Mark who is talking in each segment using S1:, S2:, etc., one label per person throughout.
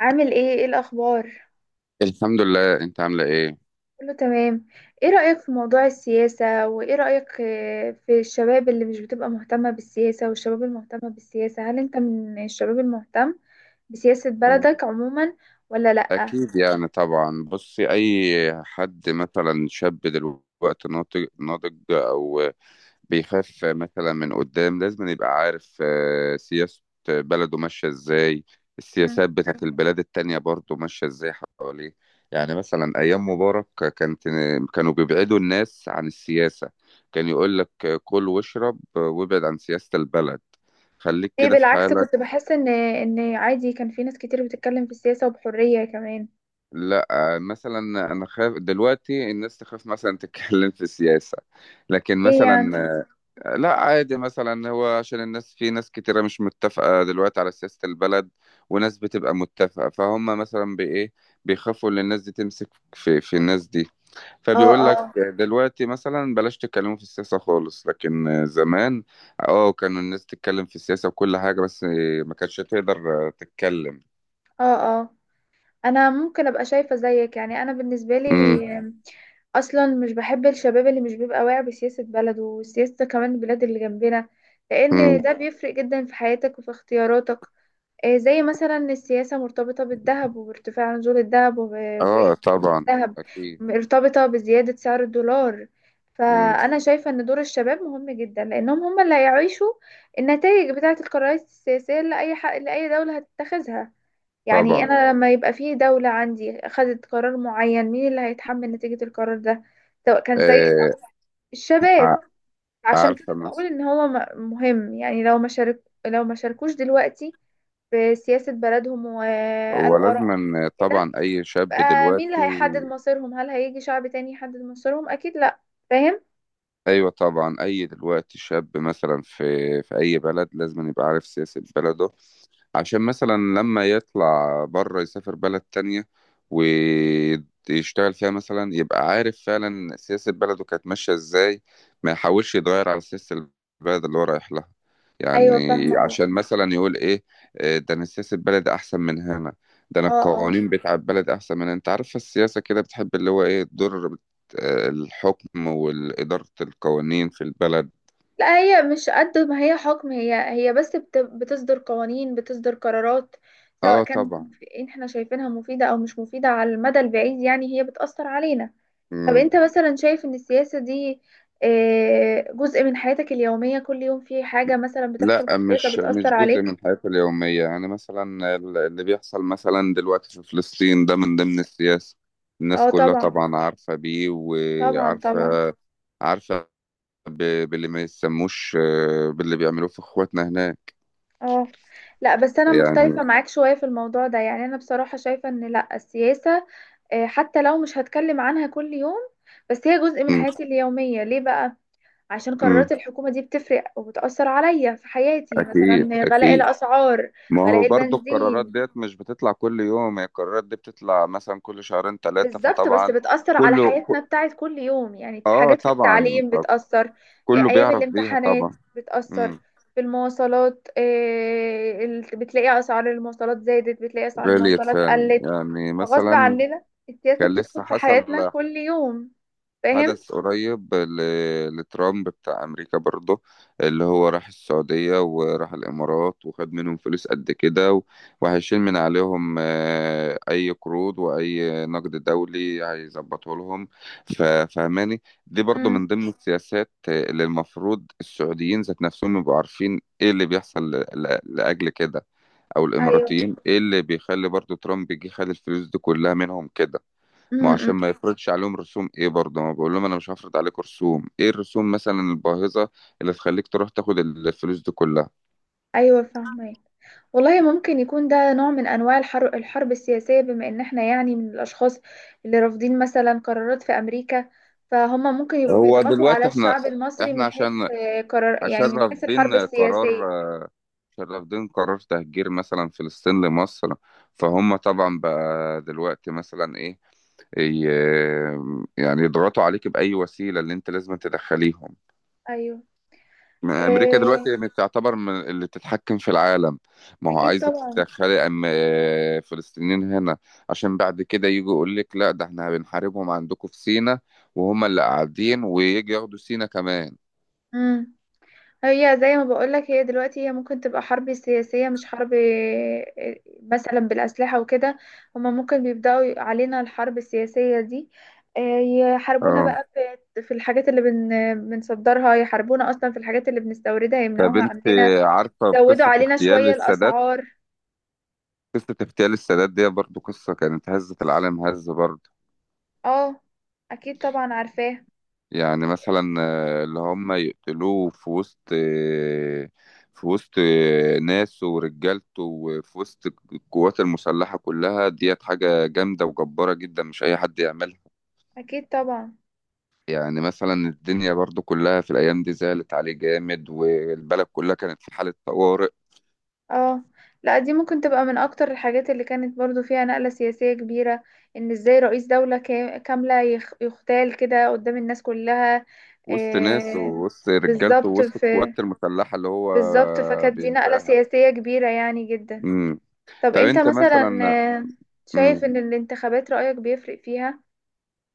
S1: عامل ايه الاخبار؟
S2: الحمد لله، انت عامله ايه؟
S1: كله تمام. ايه رأيك في موضوع السياسة، وايه رأيك في الشباب اللي مش بتبقى مهتمة بالسياسة والشباب المهتمة بالسياسة؟ هل انت من الشباب المهتم بسياسة
S2: انا
S1: بلدك عموما ولا لأ؟
S2: اكيد يعني طبعا. بصي، اي حد مثلا شاب دلوقتي ناضج ناضج او بيخاف مثلا من قدام، لازم يبقى عارف سياسة بلده ماشية ازاي.
S1: مم.
S2: السياسات بتاعت البلاد التانية برضه ماشية ازاي حواليه. يعني مثلا ايام مبارك كانت كانوا بيبعدوا الناس عن السياسة. كان يقول لك كل واشرب وابعد عن سياسة البلد، خليك
S1: ليه؟
S2: كده في
S1: بالعكس،
S2: حالك.
S1: كنت بحس ان عادي كان في ناس كتير بتتكلم في السياسة وبحرية كمان.
S2: لا. مثلا انا خايف دلوقتي الناس تخاف مثلا تتكلم في السياسة، لكن
S1: ايه يعني؟
S2: مثلا لا، عادي. مثلا هو عشان الناس، في ناس كتيرة مش متفقة دلوقتي على سياسة البلد، وناس بتبقى متفقة، فهم مثلا بإيه؟ بيخافوا ان الناس دي تمسك في الناس دي.
S1: اه،
S2: فبيقول لك
S1: اه.
S2: دلوقتي مثلا بلاش تتكلموا في السياسة خالص، لكن زمان اه، كانوا الناس تتكلم في السياسة وكل حاجة، بس ما كانتش تقدر تتكلم.
S1: اه، اه. انا ممكن ابقى شايفة زيك. يعني انا بالنسبة
S2: امم.
S1: لي اصلا مش بحب الشباب اللي مش بيبقى واعي بسياسة بلده وسياسة كمان البلاد اللي جنبنا، لان
S2: امم.
S1: ده بيفرق جدا في حياتك وفي اختياراتك. زي مثلا السياسة مرتبطة بالذهب وبارتفاع نزول الذهب،
S2: اه طبعا،
S1: والذهب
S2: اكيد.
S1: مرتبطة بزيادة سعر الدولار.
S2: مم.
S1: فأنا شايفة إن دور الشباب مهم جدا، لأنهم هم اللي هيعيشوا النتائج بتاعة القرارات السياسية لأي حق لأي دولة هتتخذها. يعني
S2: طبعا.
S1: انا لما يبقى في دولة عندي خدت قرار معين، مين اللي هيتحمل نتيجة القرار ده؟ سواء كان سيء أو،
S2: آه،
S1: الشباب.
S2: ع-
S1: عشان
S2: عارفة
S1: كده بقول
S2: مثلا.
S1: ان هو مهم، يعني لو ما شارك، لو ما شاركوش دلوقتي في سياسة بلدهم وقالوا آرائهم
S2: ولازما
S1: كده،
S2: طبعا أي شاب
S1: يبقى مين اللي
S2: دلوقتي.
S1: هيحدد مصيرهم؟ هل هيجي شعب تاني يحدد مصيرهم؟ اكيد لا. فاهم؟
S2: أيوة طبعا، أي دلوقتي شاب مثلا في أي بلد لازم يبقى عارف سياسة بلده. عشان مثلا لما يطلع بره يسافر بلد تانية ويشتغل فيها، مثلا يبقى عارف فعلا سياسة بلده كانت ماشية ازاي، ما يحاولش يتغير على سياسة البلد اللي هو رايح لها،
S1: ايوه
S2: يعني.
S1: فاهمة قصدي.
S2: عشان مثلا يقول ايه؟ ده انا سياسة بلدي احسن من هنا، ده انا
S1: اه، اه.
S2: القوانين بتاع البلد احسن من هنا. انت عارف السياسة كده بتحب اللي هو ايه، تضر الحكم وإدارة القوانين في البلد.
S1: لا، هي مش قد ما هي حكم، هي بس بتصدر قوانين، بتصدر قرارات سواء
S2: اه
S1: كان
S2: طبعا.
S1: احنا شايفينها مفيدة او مش مفيدة على المدى البعيد، يعني هي بتأثر علينا. طب
S2: مم.
S1: انت مثلا شايف ان السياسة دي جزء من حياتك اليومية؟ كل يوم في حاجة مثلا
S2: لا،
S1: بتحصل في السياسة
S2: مش
S1: بتأثر
S2: مش جزء من
S1: عليك.
S2: حياتي اليومية. يعني مثلا اللي بيحصل مثلا دلوقتي في فلسطين ده من ضمن السياسة. الناس
S1: اه
S2: كلها
S1: طبعا.
S2: طبعا عارفة بيه،
S1: طبعا،
S2: وعارفة
S1: طبعا.
S2: عارفة باللي ما يسموش، باللي بيعملوه في اخواتنا هناك.
S1: اه، لا بس انا
S2: يعني
S1: مختلفة معاك شوية في الموضوع ده. يعني انا بصراحة شايفة ان لا، السياسة حتى لو مش هتكلم عنها كل يوم، بس هي جزء من
S2: م-
S1: حياتي اليومية. ليه بقى؟ عشان
S2: م-
S1: قرارات الحكومة دي بتفرق وبتأثر عليا في حياتي،
S2: أكيد
S1: مثلا غلاء
S2: أكيد.
S1: الأسعار،
S2: ما هو
S1: غلاء
S2: برضو القرارات
S1: البنزين.
S2: ديت مش بتطلع كل يوم، هي القرارات دي بتطلع مثلا كل شهرين ثلاثة،
S1: بالظبط، بس
S2: فطبعا
S1: بتأثر على
S2: كله
S1: حياتنا
S2: ك-
S1: بتاعت كل يوم، يعني
S2: اه
S1: حاجات في
S2: طبعا،
S1: التعليم بتأثر،
S2: فكله
S1: أيام
S2: بيعرف بيها
S1: الامتحانات
S2: طبعا. م.
S1: بتأثر، في المواصلات، بتلاقي أسعار المواصلات زادت، بتلاقي أسعار
S2: غالية
S1: المواصلات
S2: فعلا
S1: قلت.
S2: يعني،
S1: فغصب
S2: مثلا
S1: عننا السياسة
S2: كان لسه
S1: بتدخل في
S2: حصل
S1: حياتنا كل يوم. فاهم؟
S2: حدث قريب لترامب بتاع أمريكا برضه، اللي هو راح السعودية وراح الإمارات وخد منهم فلوس قد كده، وهيشيل من عليهم أي قروض وأي نقد دولي هيظبطه لهم. فهماني؟ دي برضه من ضمن السياسات اللي المفروض السعوديين ذات نفسهم يبقوا عارفين إيه اللي بيحصل لأجل كده، او
S1: ايوه.
S2: الاماراتيين ايه اللي بيخلي برضو ترامب يجي خد الفلوس دي كلها منهم كده. ما هو عشان
S1: امم.
S2: ما يفرضش عليهم رسوم ايه، برضه ما بقول لهم انا مش هفرض عليكم رسوم ايه، الرسوم مثلا الباهظة اللي تخليك تروح تاخد الفلوس دي كلها.
S1: ايوه فاهمك. والله ممكن يكون ده نوع من انواع الحرب، الحرب السياسيه، بما ان احنا يعني من الاشخاص اللي رافضين مثلا قرارات في امريكا، فهم ممكن يبقوا
S2: هو
S1: بيضغطوا على
S2: دلوقتي احنا
S1: الشعب المصري
S2: احنا
S1: من حيث
S2: عشان
S1: قرار،
S2: عشان
S1: يعني من حيث
S2: رافضين
S1: الحرب
S2: قرار
S1: السياسيه.
S2: عشان رافضين قرار تهجير مثلا فلسطين لمصر. فهم طبعا بقى دلوقتي مثلا ايه، ي- يعني يضغطوا عليك بأي وسيلة اللي انت لازم تدخليهم.
S1: ايوه.
S2: ما امريكا دلوقتي
S1: آه،
S2: يعني تعتبر من اللي تتحكم في العالم. ما هو
S1: اكيد
S2: عايزك
S1: طبعا.
S2: تدخلي أم فلسطينيين هنا، عشان بعد كده يجوا يقول لك لا، ده احنا بنحاربهم عندكم في سينا، وهم اللي قاعدين ويجي ياخدوا سينا كمان.
S1: مم. هي زي ما بقولك، هي دلوقتي هي ممكن تبقى حرب سياسية مش حرب، مثلا بالأسلحة وكده. هما ممكن بيبدأوا علينا الحرب السياسية دي، آه، يحاربونا
S2: اه.
S1: بقى في الحاجات اللي بنصدرها، يحاربونا أصلا في الحاجات اللي بنستوردها
S2: طب
S1: يمنعوها
S2: انت
S1: عندنا،
S2: عارفه
S1: يزودوا
S2: بقصه
S1: علينا
S2: اغتيال
S1: شوية
S2: السادات؟
S1: الأسعار.
S2: قصه اغتيال السادات دي برضو قصه كانت هزت العالم هزه برضو.
S1: اه أكيد طبعا، عارفاه.
S2: يعني مثلا، اللي هم يقتلوه في وسط، ناسه ورجالته وفي وسط القوات المسلحة كلها ديت، حاجة جامدة وجبارة جدا، مش أي حد يعملها.
S1: أكيد طبعا.
S2: يعني مثلا الدنيا برضو كلها في الأيام دي زعلت عليه جامد، والبلد كلها كانت في حالة طوارئ،
S1: اه، لا دي ممكن تبقى من اكتر الحاجات اللي كانت برضو فيها نقلة سياسية كبيرة، ان ازاي رئيس دولة كاملة يغتال كده قدام الناس كلها.
S2: وسط ناسه
S1: آه،
S2: ووسط رجالته
S1: بالظبط
S2: ووسط
S1: في،
S2: القوات المسلحة اللي هو
S1: بالظبط فكانت دي نقلة
S2: بينشأها.
S1: سياسية كبيرة يعني جدا.
S2: مم.
S1: طب
S2: طب
S1: انت
S2: أنت
S1: مثلا
S2: مثلا.
S1: آه، شايف
S2: مم.
S1: ان الانتخابات رأيك بيفرق فيها؟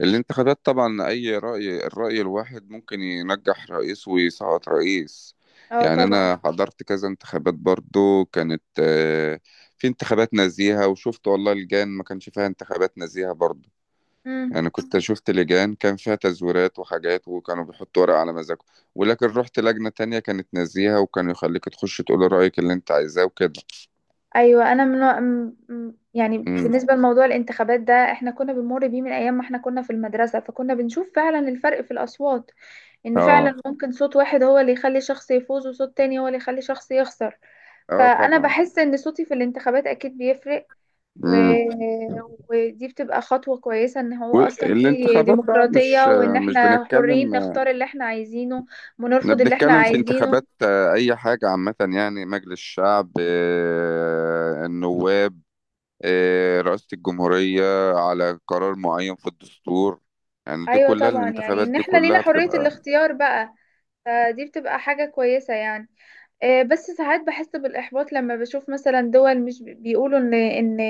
S2: اللي انتخابات طبعا، اي رأي الرأي الواحد ممكن ينجح رئيس ويسقط رئيس.
S1: اه
S2: يعني
S1: طبعا.
S2: انا حضرت كذا انتخابات، برضو كانت في انتخابات نزيهة، وشفت والله لجان ما كانش فيها انتخابات نزيهة برضو.
S1: مم.
S2: يعني كنت شفت لجان كان فيها تزويرات وحاجات، وكانوا بيحطوا ورق على مزاجهم، ولكن رحت لجنة تانية كانت نزيهة، وكانوا يخليك تخش تقول رأيك اللي انت عايزاه وكده.
S1: ايوه انا من، يعني
S2: امم.
S1: بالنسبه لموضوع الانتخابات ده، احنا كنا بنمر بيه من ايام ما احنا كنا في المدرسه، فكنا بنشوف فعلا الفرق في الاصوات، ان
S2: اه.
S1: فعلا ممكن صوت واحد هو اللي يخلي شخص يفوز وصوت تاني هو اللي يخلي شخص يخسر.
S2: اه
S1: فانا
S2: طبعا.
S1: بحس ان صوتي في الانتخابات اكيد بيفرق، و...
S2: امم.
S1: ودي بتبقى خطوة كويسة ان هو اصلا في
S2: والانتخابات بقى،
S1: ديمقراطية،
S2: مش
S1: وان
S2: آه، مش
S1: احنا حرين
S2: بنتكلم.
S1: نختار اللي احنا عايزينه
S2: احنا
S1: ونرفض اللي احنا
S2: بنتكلم في
S1: عايزينه.
S2: انتخابات اي حاجة عامة، يعني مجلس الشعب، النواب، رئاسة الجمهورية، على قرار معين في الدستور. يعني دي
S1: ايوه
S2: كلها،
S1: طبعا، يعني
S2: الانتخابات
S1: ان
S2: دي
S1: احنا لينا
S2: كلها
S1: حرية
S2: بتبقى.
S1: الاختيار بقى، فدي بتبقى حاجة كويسة يعني. بس ساعات بحس بالإحباط لما بشوف مثلا دول مش بيقولوا إن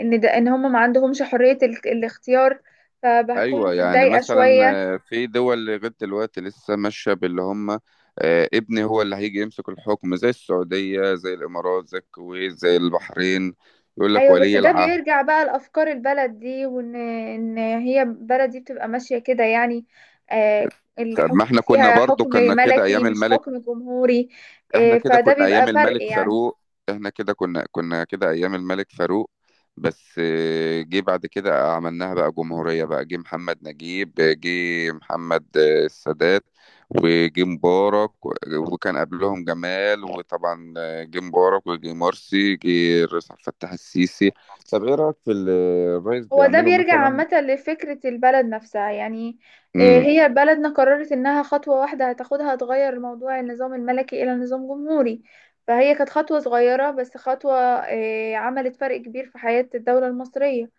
S1: إن ده، إن هم ما عندهمش حرية الاختيار، فبكون
S2: ايوه، يعني
S1: متضايقة
S2: مثلا
S1: شوية.
S2: في دول لغاية دلوقتي لسه ماشية باللي هم، ابني هو اللي هيجي يمسك الحكم، زي السعودية زي الامارات زي الكويت زي البحرين. يقول لك
S1: أيوة بس
S2: ولي
S1: ده
S2: العهد.
S1: بيرجع بقى لأفكار البلد دي، وإن هي البلد دي بتبقى ماشية كده يعني،
S2: طب ما
S1: الحكم
S2: احنا كنا
S1: فيها
S2: برضو
S1: حكم
S2: كنا كده
S1: ملكي
S2: ايام
S1: مش
S2: الملك.
S1: حكم جمهوري.
S2: احنا كده
S1: فده
S2: كنا
S1: بيبقى
S2: ايام
S1: فرق
S2: الملك
S1: يعني.
S2: فاروق. احنا كده كنا كده ايام الملك فاروق. بس جه بعد كده عملناها بقى جمهورية بقى، جه محمد نجيب، جه محمد السادات، وجه مبارك، وكان قبلهم جمال، وطبعا جه مبارك وجه مرسي، جه الرئيس عبد الفتاح السيسي. طب ايه رأيك في اللي الرئيس
S1: هو ده
S2: بيعمله
S1: بيرجع
S2: مثلا؟
S1: عامة لفكرة البلد نفسها يعني.
S2: امم.
S1: هي بلدنا قررت انها خطوة واحدة هتاخدها، تغير موضوع النظام الملكي الى نظام جمهوري، فهي كانت خطوة صغيرة بس خطوة عملت فرق كبير في حياة الدولة المصرية.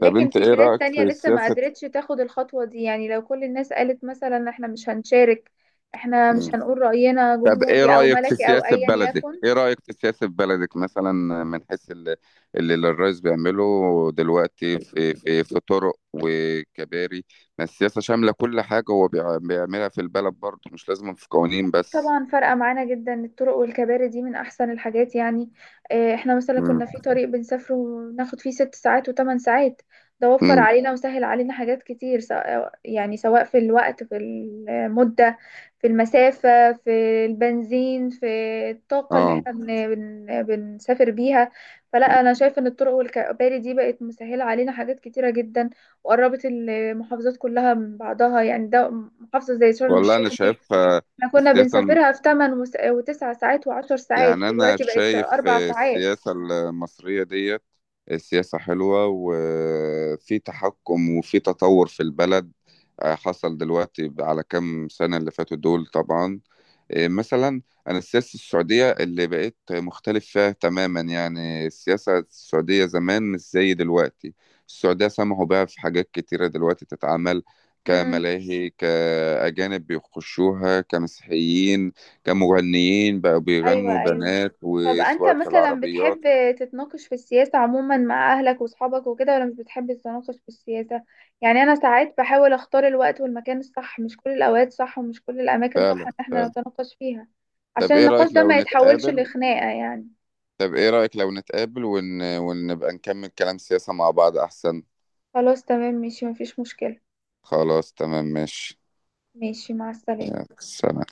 S2: طب انت
S1: في
S2: ايه
S1: بلاد
S2: رأيك في
S1: تانية لسه ما
S2: السياسة؟
S1: قدرتش تاخد الخطوة دي. يعني لو كل الناس قالت مثلا احنا مش هنشارك، احنا مش
S2: مم.
S1: هنقول رأينا
S2: طب ايه
S1: جمهوري او
S2: رأيك في
S1: ملكي او
S2: سياسة
S1: ايا
S2: بلدك؟
S1: يكن.
S2: ايه رأيك في سياسة بلدك مثلا، من حيث اللي الرئيس بيعمله دلوقتي في طرق وكباري، ما السياسة شاملة كل حاجة هو بيعملها في البلد، برضه مش لازم في قوانين
S1: أكيد
S2: بس.
S1: طبعا، فرقة معانا جدا. الطرق والكباري دي من أحسن الحاجات يعني. احنا مثلا كنا في
S2: امم.
S1: طريق بنسافره وناخد فيه 6 ساعات و8 ساعات، ده وفر
S2: امم.
S1: علينا وسهل علينا حاجات كتير، سواء يعني سواء في الوقت، في المدة، في المسافة، في البنزين، في الطاقة اللي
S2: اه.
S1: احنا بن بن بنسافر بيها. فلا أنا شايفة إن الطرق والكباري دي بقت مسهلة علينا حاجات كتيرة جدا، وقربت المحافظات كلها من بعضها. يعني ده محافظة زي شرم
S2: والله انا
S1: الشيخ
S2: شايف آه،
S1: احنا كنا
S2: السياسة
S1: بنسافرها في 8 وتسع ساعات وعشر ساعات،
S2: يعني أنا
S1: دلوقتي بقت
S2: شايف
S1: 4 ساعات.
S2: السياسة المصرية ديت سياسة حلوة، وفي تحكم وفي تطور في البلد حصل دلوقتي على كام سنة اللي فاتوا دول طبعا. مثلا انا السياسه السعوديه اللي بقيت مختلف فيها تماما. يعني السياسه السعوديه زمان مش زي دلوقتي. السعوديه سمحوا بها في حاجات كتيره دلوقتي تتعمل،
S1: امم.
S2: كملاهي، كأجانب بيخشوها، كمسيحيين، كمغنيين بقوا
S1: ايوه،
S2: بيغنوا
S1: ايوه.
S2: بنات،
S1: طب انت
S2: وسواقة
S1: مثلا
S2: العربيات.
S1: بتحب تتناقش في السياسة عموما مع اهلك واصحابك وكده، ولا مش بتحب تتناقش في السياسة؟ يعني انا ساعات بحاول اختار الوقت والمكان الصح. مش كل الاوقات صح ومش كل الاماكن صح
S2: فعلا
S1: ان احنا
S2: فعلا.
S1: نتناقش فيها،
S2: طب
S1: عشان
S2: ايه
S1: النقاش
S2: رأيك
S1: ده
S2: لو
S1: ما يتحولش
S2: نتقابل؟
S1: لخناقة يعني.
S2: طب ايه رأيك لو نتقابل ون... ونبقى نكمل كلام سياسة مع بعض، احسن.
S1: خلاص تمام، ماشي، مفيش مشكلة.
S2: خلاص تمام، ماشي.
S1: ماشي، مع السلامة.
S2: يلا، سلام.